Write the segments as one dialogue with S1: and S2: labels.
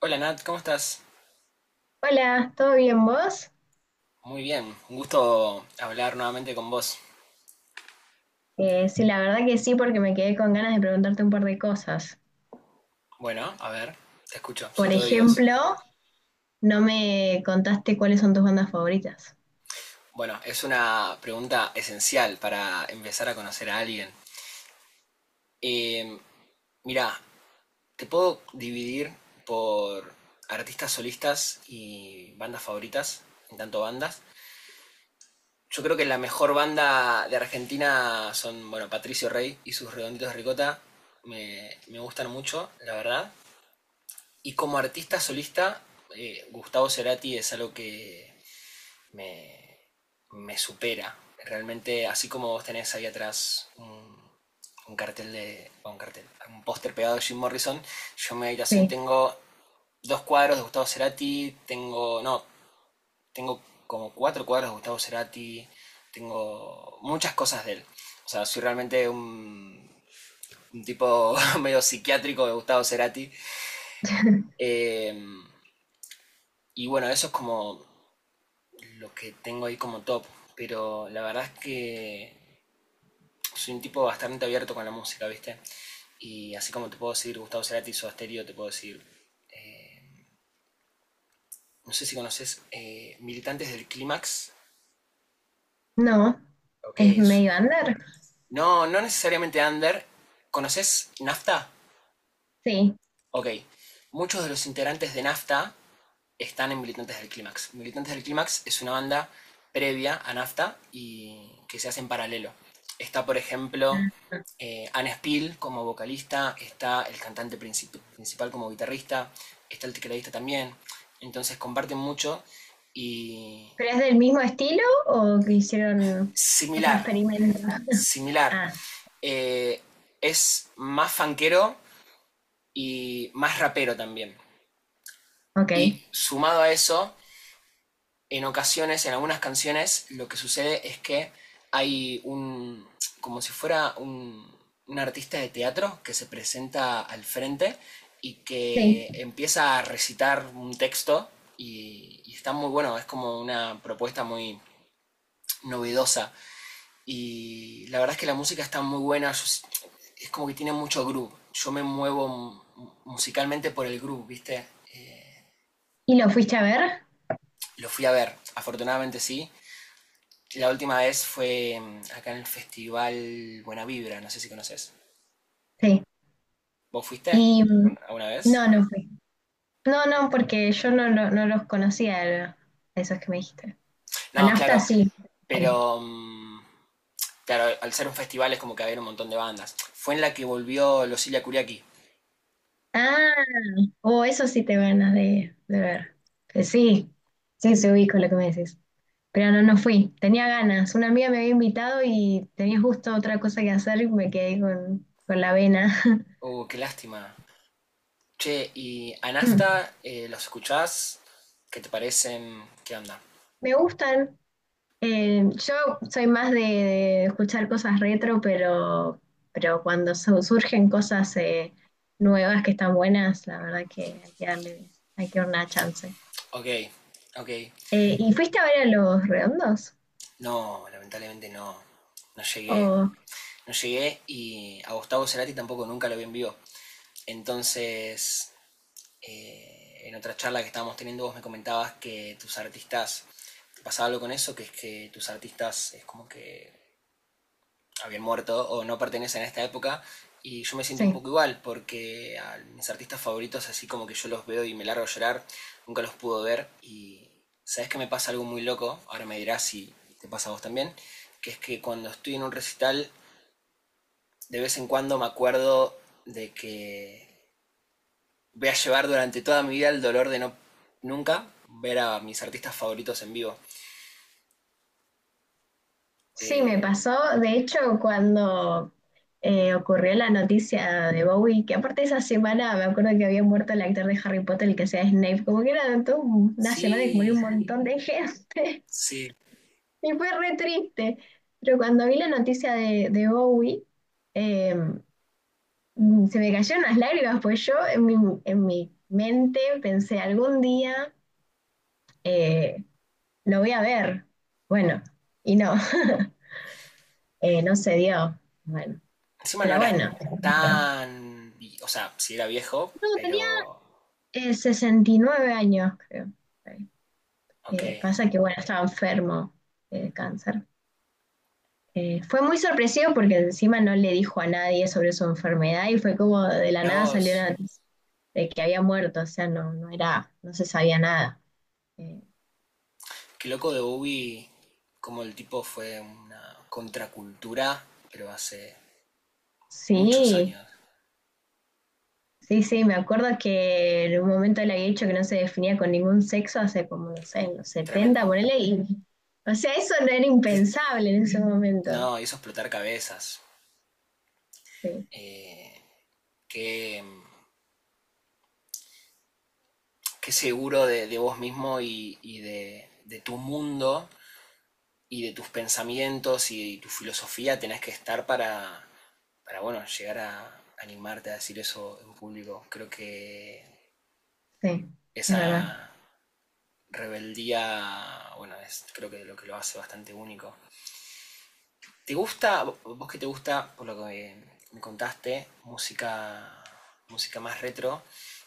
S1: Hola Nat, ¿cómo estás?
S2: Hola, ¿todo bien vos?
S1: Muy bien, un gusto hablar nuevamente con vos.
S2: Sí, la verdad que sí, porque me quedé con ganas de preguntarte un par de cosas.
S1: Bueno, a ver, te escucho, soy
S2: Por
S1: todo oídos.
S2: ejemplo, no me contaste cuáles son tus bandas favoritas.
S1: Bueno, es una pregunta esencial para empezar a conocer a alguien. Eh, Mira, te puedo dividir por artistas solistas y bandas favoritas, en tanto bandas. Yo creo que la mejor banda de Argentina son, bueno, Patricio Rey y sus Redonditos de Ricota. Me gustan mucho, la verdad. Y como artista solista, Gustavo Cerati es algo que me, me supera. Realmente, así como vos tenés ahí atrás un cartel de, bueno, un cartel, un póster pegado de Jim Morrison, yo en mi habitación
S2: Sí.
S1: tengo dos cuadros de Gustavo Cerati, tengo, no, tengo como cuatro cuadros de Gustavo Cerati, tengo muchas cosas de él. O sea, soy realmente un tipo medio psiquiátrico de Gustavo Cerati. Eh, y bueno, eso es como los que tengo ahí como top. Pero la verdad es que soy un tipo bastante abierto con la música, ¿viste? Y así como te puedo decir Gustavo Cerati o Asterio, te puedo decir. Eh, no sé si conoces Militantes del Clímax.
S2: No,
S1: Ok,
S2: es
S1: es-
S2: medio under.
S1: No, no necesariamente Under. ¿Conoces Nafta?
S2: Sí.
S1: Ok. Muchos de los integrantes de Nafta están en Militantes del Clímax. Militantes del Clímax es una banda previa a Nafta y que se hace en paralelo. Está, por ejemplo,
S2: Ah,
S1: Anne Spill como vocalista, está el cantante principal como guitarrista, está el tecladista también. Entonces comparten mucho y
S2: ¿pero es del mismo estilo o que hicieron otro
S1: similar,
S2: experimento?
S1: similar.
S2: Ah,
S1: Eh, es más fanquero y más rapero también.
S2: ok.
S1: Y sumado a eso, en ocasiones, en algunas canciones, lo que sucede es que hay un, como si fuera un artista de teatro que se presenta al frente y
S2: Sí.
S1: que empieza a recitar un texto y está muy bueno, es como una propuesta muy novedosa y la verdad es que la música está muy buena, es como que tiene mucho groove, yo me muevo musicalmente por el groove, ¿viste? Eh,
S2: ¿Y lo fuiste a ver?
S1: lo fui a ver, afortunadamente sí, la última vez fue acá en el festival Buena Vibra, no sé si conoces.
S2: Sí.
S1: ¿Vos fuiste
S2: Y
S1: alguna vez?
S2: no, no fui. No, no, porque yo no los conocía, a esos que me dijiste. A
S1: No,
S2: Nafta
S1: claro,
S2: sí.
S1: pero claro, al ser un festival es como que había un montón de bandas. Fue en la que volvió Losilia Kuriaki.
S2: Ah, o eso sí te ganas de ver. Sí, sí, se ubico lo que me decís. Pero no, no fui. Tenía ganas. Una amiga me había invitado y tenía justo otra cosa que hacer y me quedé con la vena.
S1: Oh, qué lástima. Che, y a Nafta, ¿los escuchás? ¿Qué te parecen? ¿Qué onda?
S2: Me gustan. Yo soy más de escuchar cosas retro, pero cuando surgen cosas nuevas que están buenas, la verdad que hay que darle, hay que dar una chance.
S1: Ok, ok.
S2: ¿Y fuiste a ver a los redondos?
S1: No, lamentablemente no. No llegué.
S2: O
S1: No llegué y a Gustavo Cerati tampoco nunca lo vi en vivo. Entonces, en otra charla que estábamos teniendo vos me comentabas que tus artistas, ¿te pasaba algo con eso? Que es que tus artistas es como que habían muerto o no pertenecen a esta época y yo me siento un
S2: sí.
S1: poco igual porque a mis artistas favoritos así como que yo los veo y me largo a llorar, nunca los pudo ver y sabes que me pasa algo muy loco, ahora me dirás si te pasa a vos también, que es que cuando estoy en un recital de vez en cuando me acuerdo de que voy a llevar durante toda mi vida el dolor de no nunca ver a mis artistas favoritos en vivo.
S2: Sí, me pasó,
S1: Eh,
S2: de hecho, cuando ocurrió la noticia de Bowie, que aparte esa semana me acuerdo que había muerto el actor de Harry Potter, el que sea Snape, como que era toda una semana que murió un.
S1: sí,
S2: Sí. Montón de gente.
S1: sí.
S2: Y fue re triste. Pero cuando vi la noticia de Bowie, eh, se me cayeron las lágrimas, pues yo en mi mente pensé, algún día eh, lo voy a ver. Bueno, y no, no se dio. Bueno,
S1: Encima no
S2: pero
S1: era
S2: bueno,
S1: tan. O sea, sí era viejo, pero.
S2: 69 años, creo.
S1: Ok.
S2: Pasa que, bueno, estaba enfermo de cáncer. Fue muy sorpresivo porque encima no le dijo a nadie sobre su enfermedad y fue como de la
S1: Mirá
S2: nada salió
S1: vos,
S2: la noticia de que había muerto, o sea, no, no era, no se sabía nada. Eh,
S1: qué loco de Bowie, como el tipo fue una contracultura, pero hace muchos
S2: sí,
S1: años.
S2: sí, sí, me acuerdo que en un momento le había dicho que no se definía con ningún sexo hace como, no sé, en los
S1: Tremendo.
S2: 70, ponele, y, o sea, eso no era impensable en ese momento.
S1: No, hizo explotar cabezas.
S2: Sí.
S1: Eh, qué qué seguro de vos mismo y de tu mundo y de tus pensamientos y tu filosofía tenés que estar para bueno, llegar a animarte a decir eso en público. Creo que
S2: Sí, es verdad.
S1: esa rebeldía, bueno, es creo que lo hace bastante único. ¿Te gusta, vos que te gusta, por lo que me contaste, música más retro?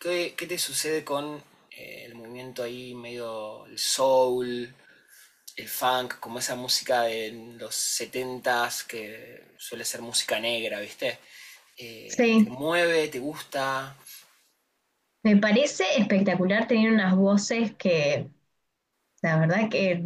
S1: ¿Qué te sucede con el movimiento ahí medio el soul, el funk, como esa música de los setentas que suele ser música negra, ¿viste? Te
S2: Sí,
S1: mueve, te gusta.
S2: me parece espectacular tener unas voces que, la verdad que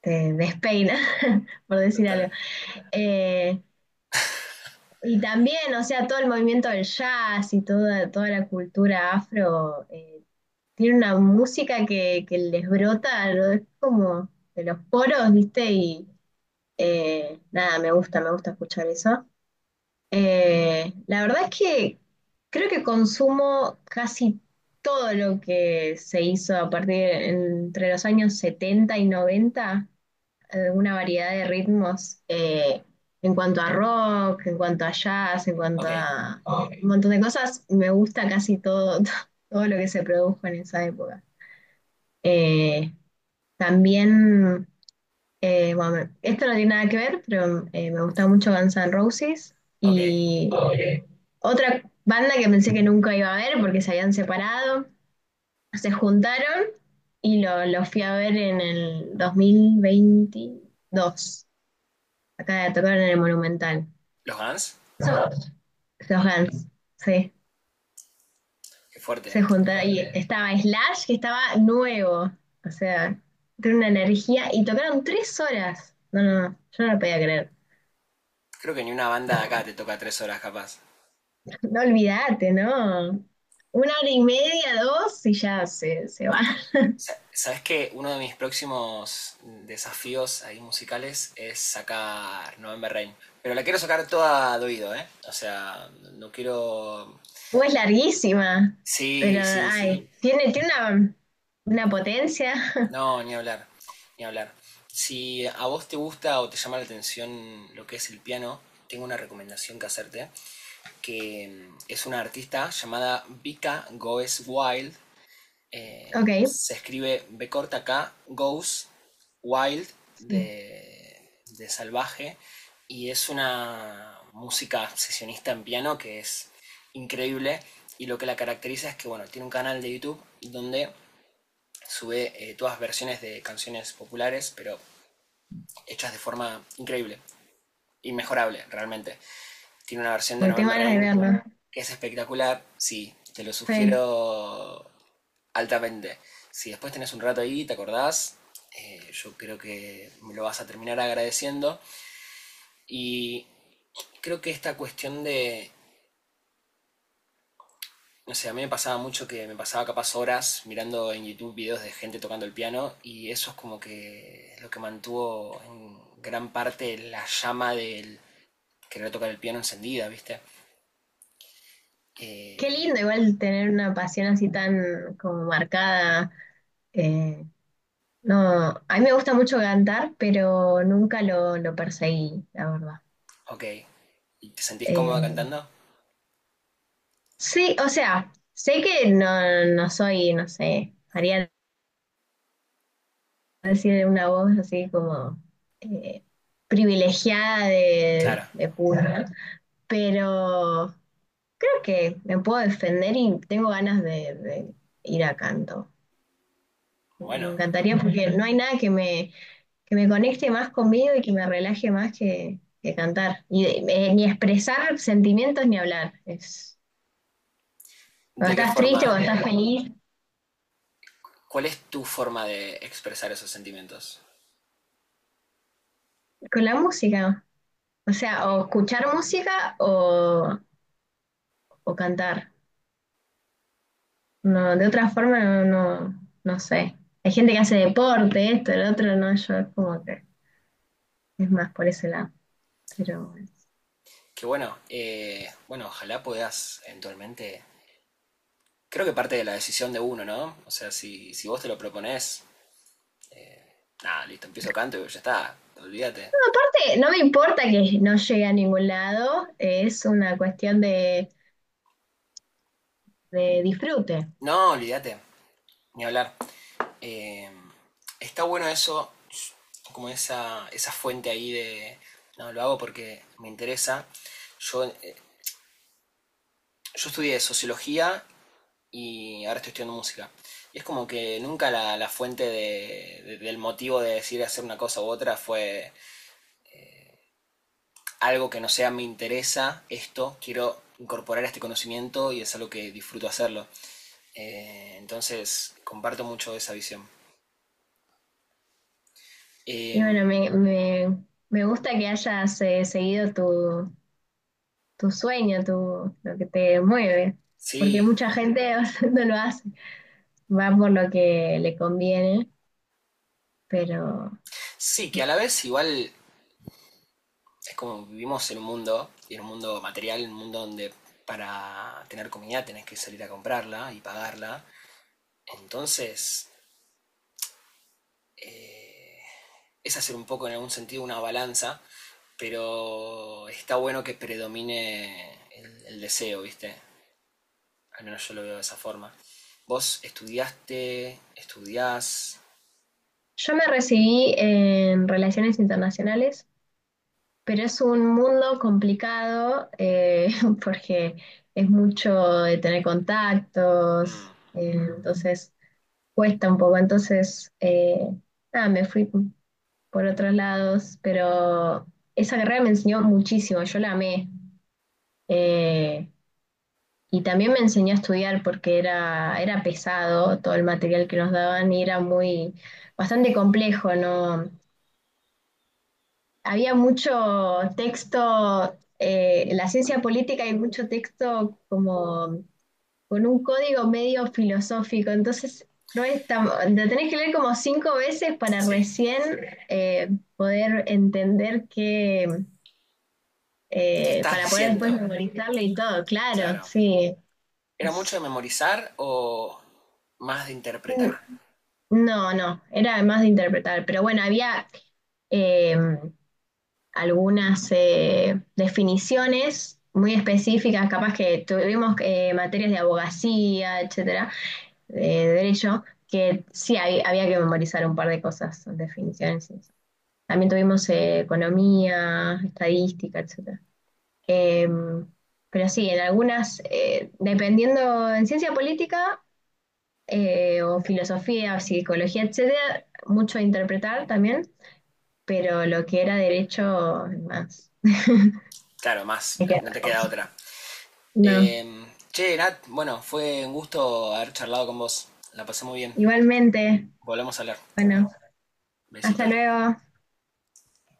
S2: te despeina, por decir
S1: Total.
S2: algo. Eh, y también, o sea, todo el movimiento del jazz y toda, toda la cultura afro, tiene una música que les brota, ¿no? Es como de los poros, ¿viste? Y nada, me gusta escuchar eso. La verdad es que creo que consumo casi todo lo que se hizo a partir entre los años 70 y noventa, una variedad de ritmos, en cuanto a rock, en cuanto a jazz, en cuanto
S1: Ok,
S2: a un montón de cosas. Me gusta casi todo, todo lo que se produjo en esa época. Eh, También, bueno, esto no tiene nada que ver, pero me gusta mucho Guns N' Roses.
S1: ok.
S2: Y otra banda que pensé que nunca iba a ver porque se habían separado, se juntaron y lo fui a ver en el 2022. Acá tocaron en el Monumental.
S1: ¿Los Guns?
S2: So- los Guns, sí.
S1: Qué fuerte.
S2: Se juntaron y estaba Slash, que estaba nuevo. O sea, tiene una energía y tocaron tres horas. No, no, no, yo no lo podía creer.
S1: Creo que ni una banda de acá te toca 3 horas capaz.
S2: No olvídate, ¿no? Una hora y media, dos y ya se va.
S1: Sabes que uno de mis próximos desafíos ahí musicales es sacar November Rain. Pero la quiero sacar toda de oído, ¿eh? O sea, no quiero.
S2: O es larguísima, pero
S1: Sí, sí, sí.
S2: ay, tiene, tiene una potencia.
S1: No, ni hablar, ni hablar. Si a vos te gusta o te llama la atención lo que es el piano, tengo una recomendación que hacerte, que es una artista llamada Vika Goes Wild.
S2: Ok,
S1: Se escribe B corta K, Goes Wild
S2: sí,
S1: de, de, salvaje. Y es una música sesionista en piano que es increíble. Y lo que la caracteriza es que, bueno, tiene un canal de YouTube donde sube todas versiones de canciones populares, pero hechas de forma increíble, inmejorable realmente. Tiene una versión de
S2: porque tengo
S1: November
S2: ganas de
S1: Rain
S2: verlo.
S1: que es espectacular, sí, te lo
S2: Sí.
S1: sugiero altamente. Si después tenés un rato ahí, te acordás, yo creo que me lo vas a terminar agradeciendo. Y creo que esta cuestión de. No sé, a mí me pasaba mucho que me pasaba capaz horas mirando en YouTube videos de gente tocando el piano y eso es como que lo que mantuvo en gran parte la llama del querer tocar el piano encendida, ¿viste?
S2: Qué lindo
S1: Eh,
S2: igual tener una pasión así tan como marcada. eh, no, a mí me gusta mucho cantar, pero nunca lo, lo perseguí, la verdad.
S1: ok, ¿y te sentís cómoda
S2: Eh,
S1: cantando?
S2: sí, o sea, sé que no, no soy, no sé, Ariana decir una voz así como eh, privilegiada
S1: Claro,
S2: de cuna, pero creo que me puedo defender y tengo ganas de ir a canto.
S1: bueno,
S2: Me encantaría porque no hay nada que me, que me conecte más conmigo y que me relaje más que cantar. Y, ni expresar sentimientos ni hablar. Es,
S1: ¿de
S2: cuando
S1: qué
S2: estás
S1: forma?
S2: triste, cuando estás feliz,
S1: ¿Cuál es tu forma de expresar esos sentimientos?
S2: con la música. O
S1: Ok,
S2: sea, o escuchar música o cantar. No, de otra forma no, no, no sé. Hay gente que hace deporte, esto, el otro, no, yo es como que es más por ese lado. Pero bueno.
S1: qué bueno, bueno, ojalá puedas eventualmente. Creo que parte de la decisión de uno, ¿no? O sea, si vos te lo propones, nada, listo, empiezo canto y ya está. Olvídate.
S2: No, aparte, no me importa que no llegue a ningún lado, es una cuestión de disfrute.
S1: No, olvídate. Ni hablar. Eh, Está bueno eso, como esa fuente ahí de. No, lo hago porque me interesa. Yo, eh, yo estudié sociología y ahora estoy estudiando música. Y es como que nunca la fuente del motivo de decir hacer una cosa u otra fue algo que no sea me interesa esto, quiero incorporar este conocimiento y es algo que disfruto hacerlo. Entonces, comparto mucho esa visión. Eh,
S2: Y bueno, me gusta que hayas seguido tu, tu sueño, tu, lo que te mueve, porque
S1: sí,
S2: mucha gente no lo hace, va por lo que le conviene, pero
S1: sí, que a la vez igual es como vivimos en un mundo, y en un mundo material, un mundo donde para tener comida tenés que salir a comprarla y pagarla. Entonces, eh, es hacer un poco en algún sentido una balanza, pero está bueno que predomine el deseo, ¿viste? Al menos yo lo veo de esa forma. Vos estudiaste, estudiás.
S2: yo me recibí en relaciones internacionales, pero es un mundo complicado porque es mucho de tener contactos,
S1: Mm,
S2: entonces cuesta un poco. Entonces, nada, me fui por otros lados, pero esa carrera me enseñó muchísimo, yo la amé. Eh, y también me enseñó a estudiar porque era, era pesado todo el material que nos daban y era muy, bastante complejo, ¿no? Había mucho texto, en la ciencia política hay mucho texto como con un código medio filosófico, entonces no es tan, lo tenés que leer como cinco veces para
S1: sí.
S2: recién eh, poder entender que,
S1: ¿Qué estás
S2: para poder
S1: diciendo?
S2: después memorizarlo y todo, claro,
S1: Claro.
S2: sí.
S1: ¿Era mucho
S2: es-
S1: de memorizar o más de interpretar?
S2: no, no, era más de interpretar, pero bueno, había... eh, Algunas definiciones muy específicas, capaz que tuvimos materias de abogacía, etcétera, de derecho, que sí había que memorizar un par de cosas, definiciones. Y eso. También tuvimos economía, estadística, etcétera. Em, pero sí, en algunas, dependiendo en ciencia política, o filosofía, o psicología, etcétera, mucho a interpretar también, pero lo que era derecho, más.
S1: Claro, más,
S2: Hay
S1: no
S2: que.
S1: no te queda otra.
S2: No,
S1: Eh, Che, Nat, bueno, fue un gusto haber charlado con vos. La pasé muy bien.
S2: igualmente.
S1: Volvemos a hablar.
S2: Bueno, hasta
S1: Besitos.
S2: luego.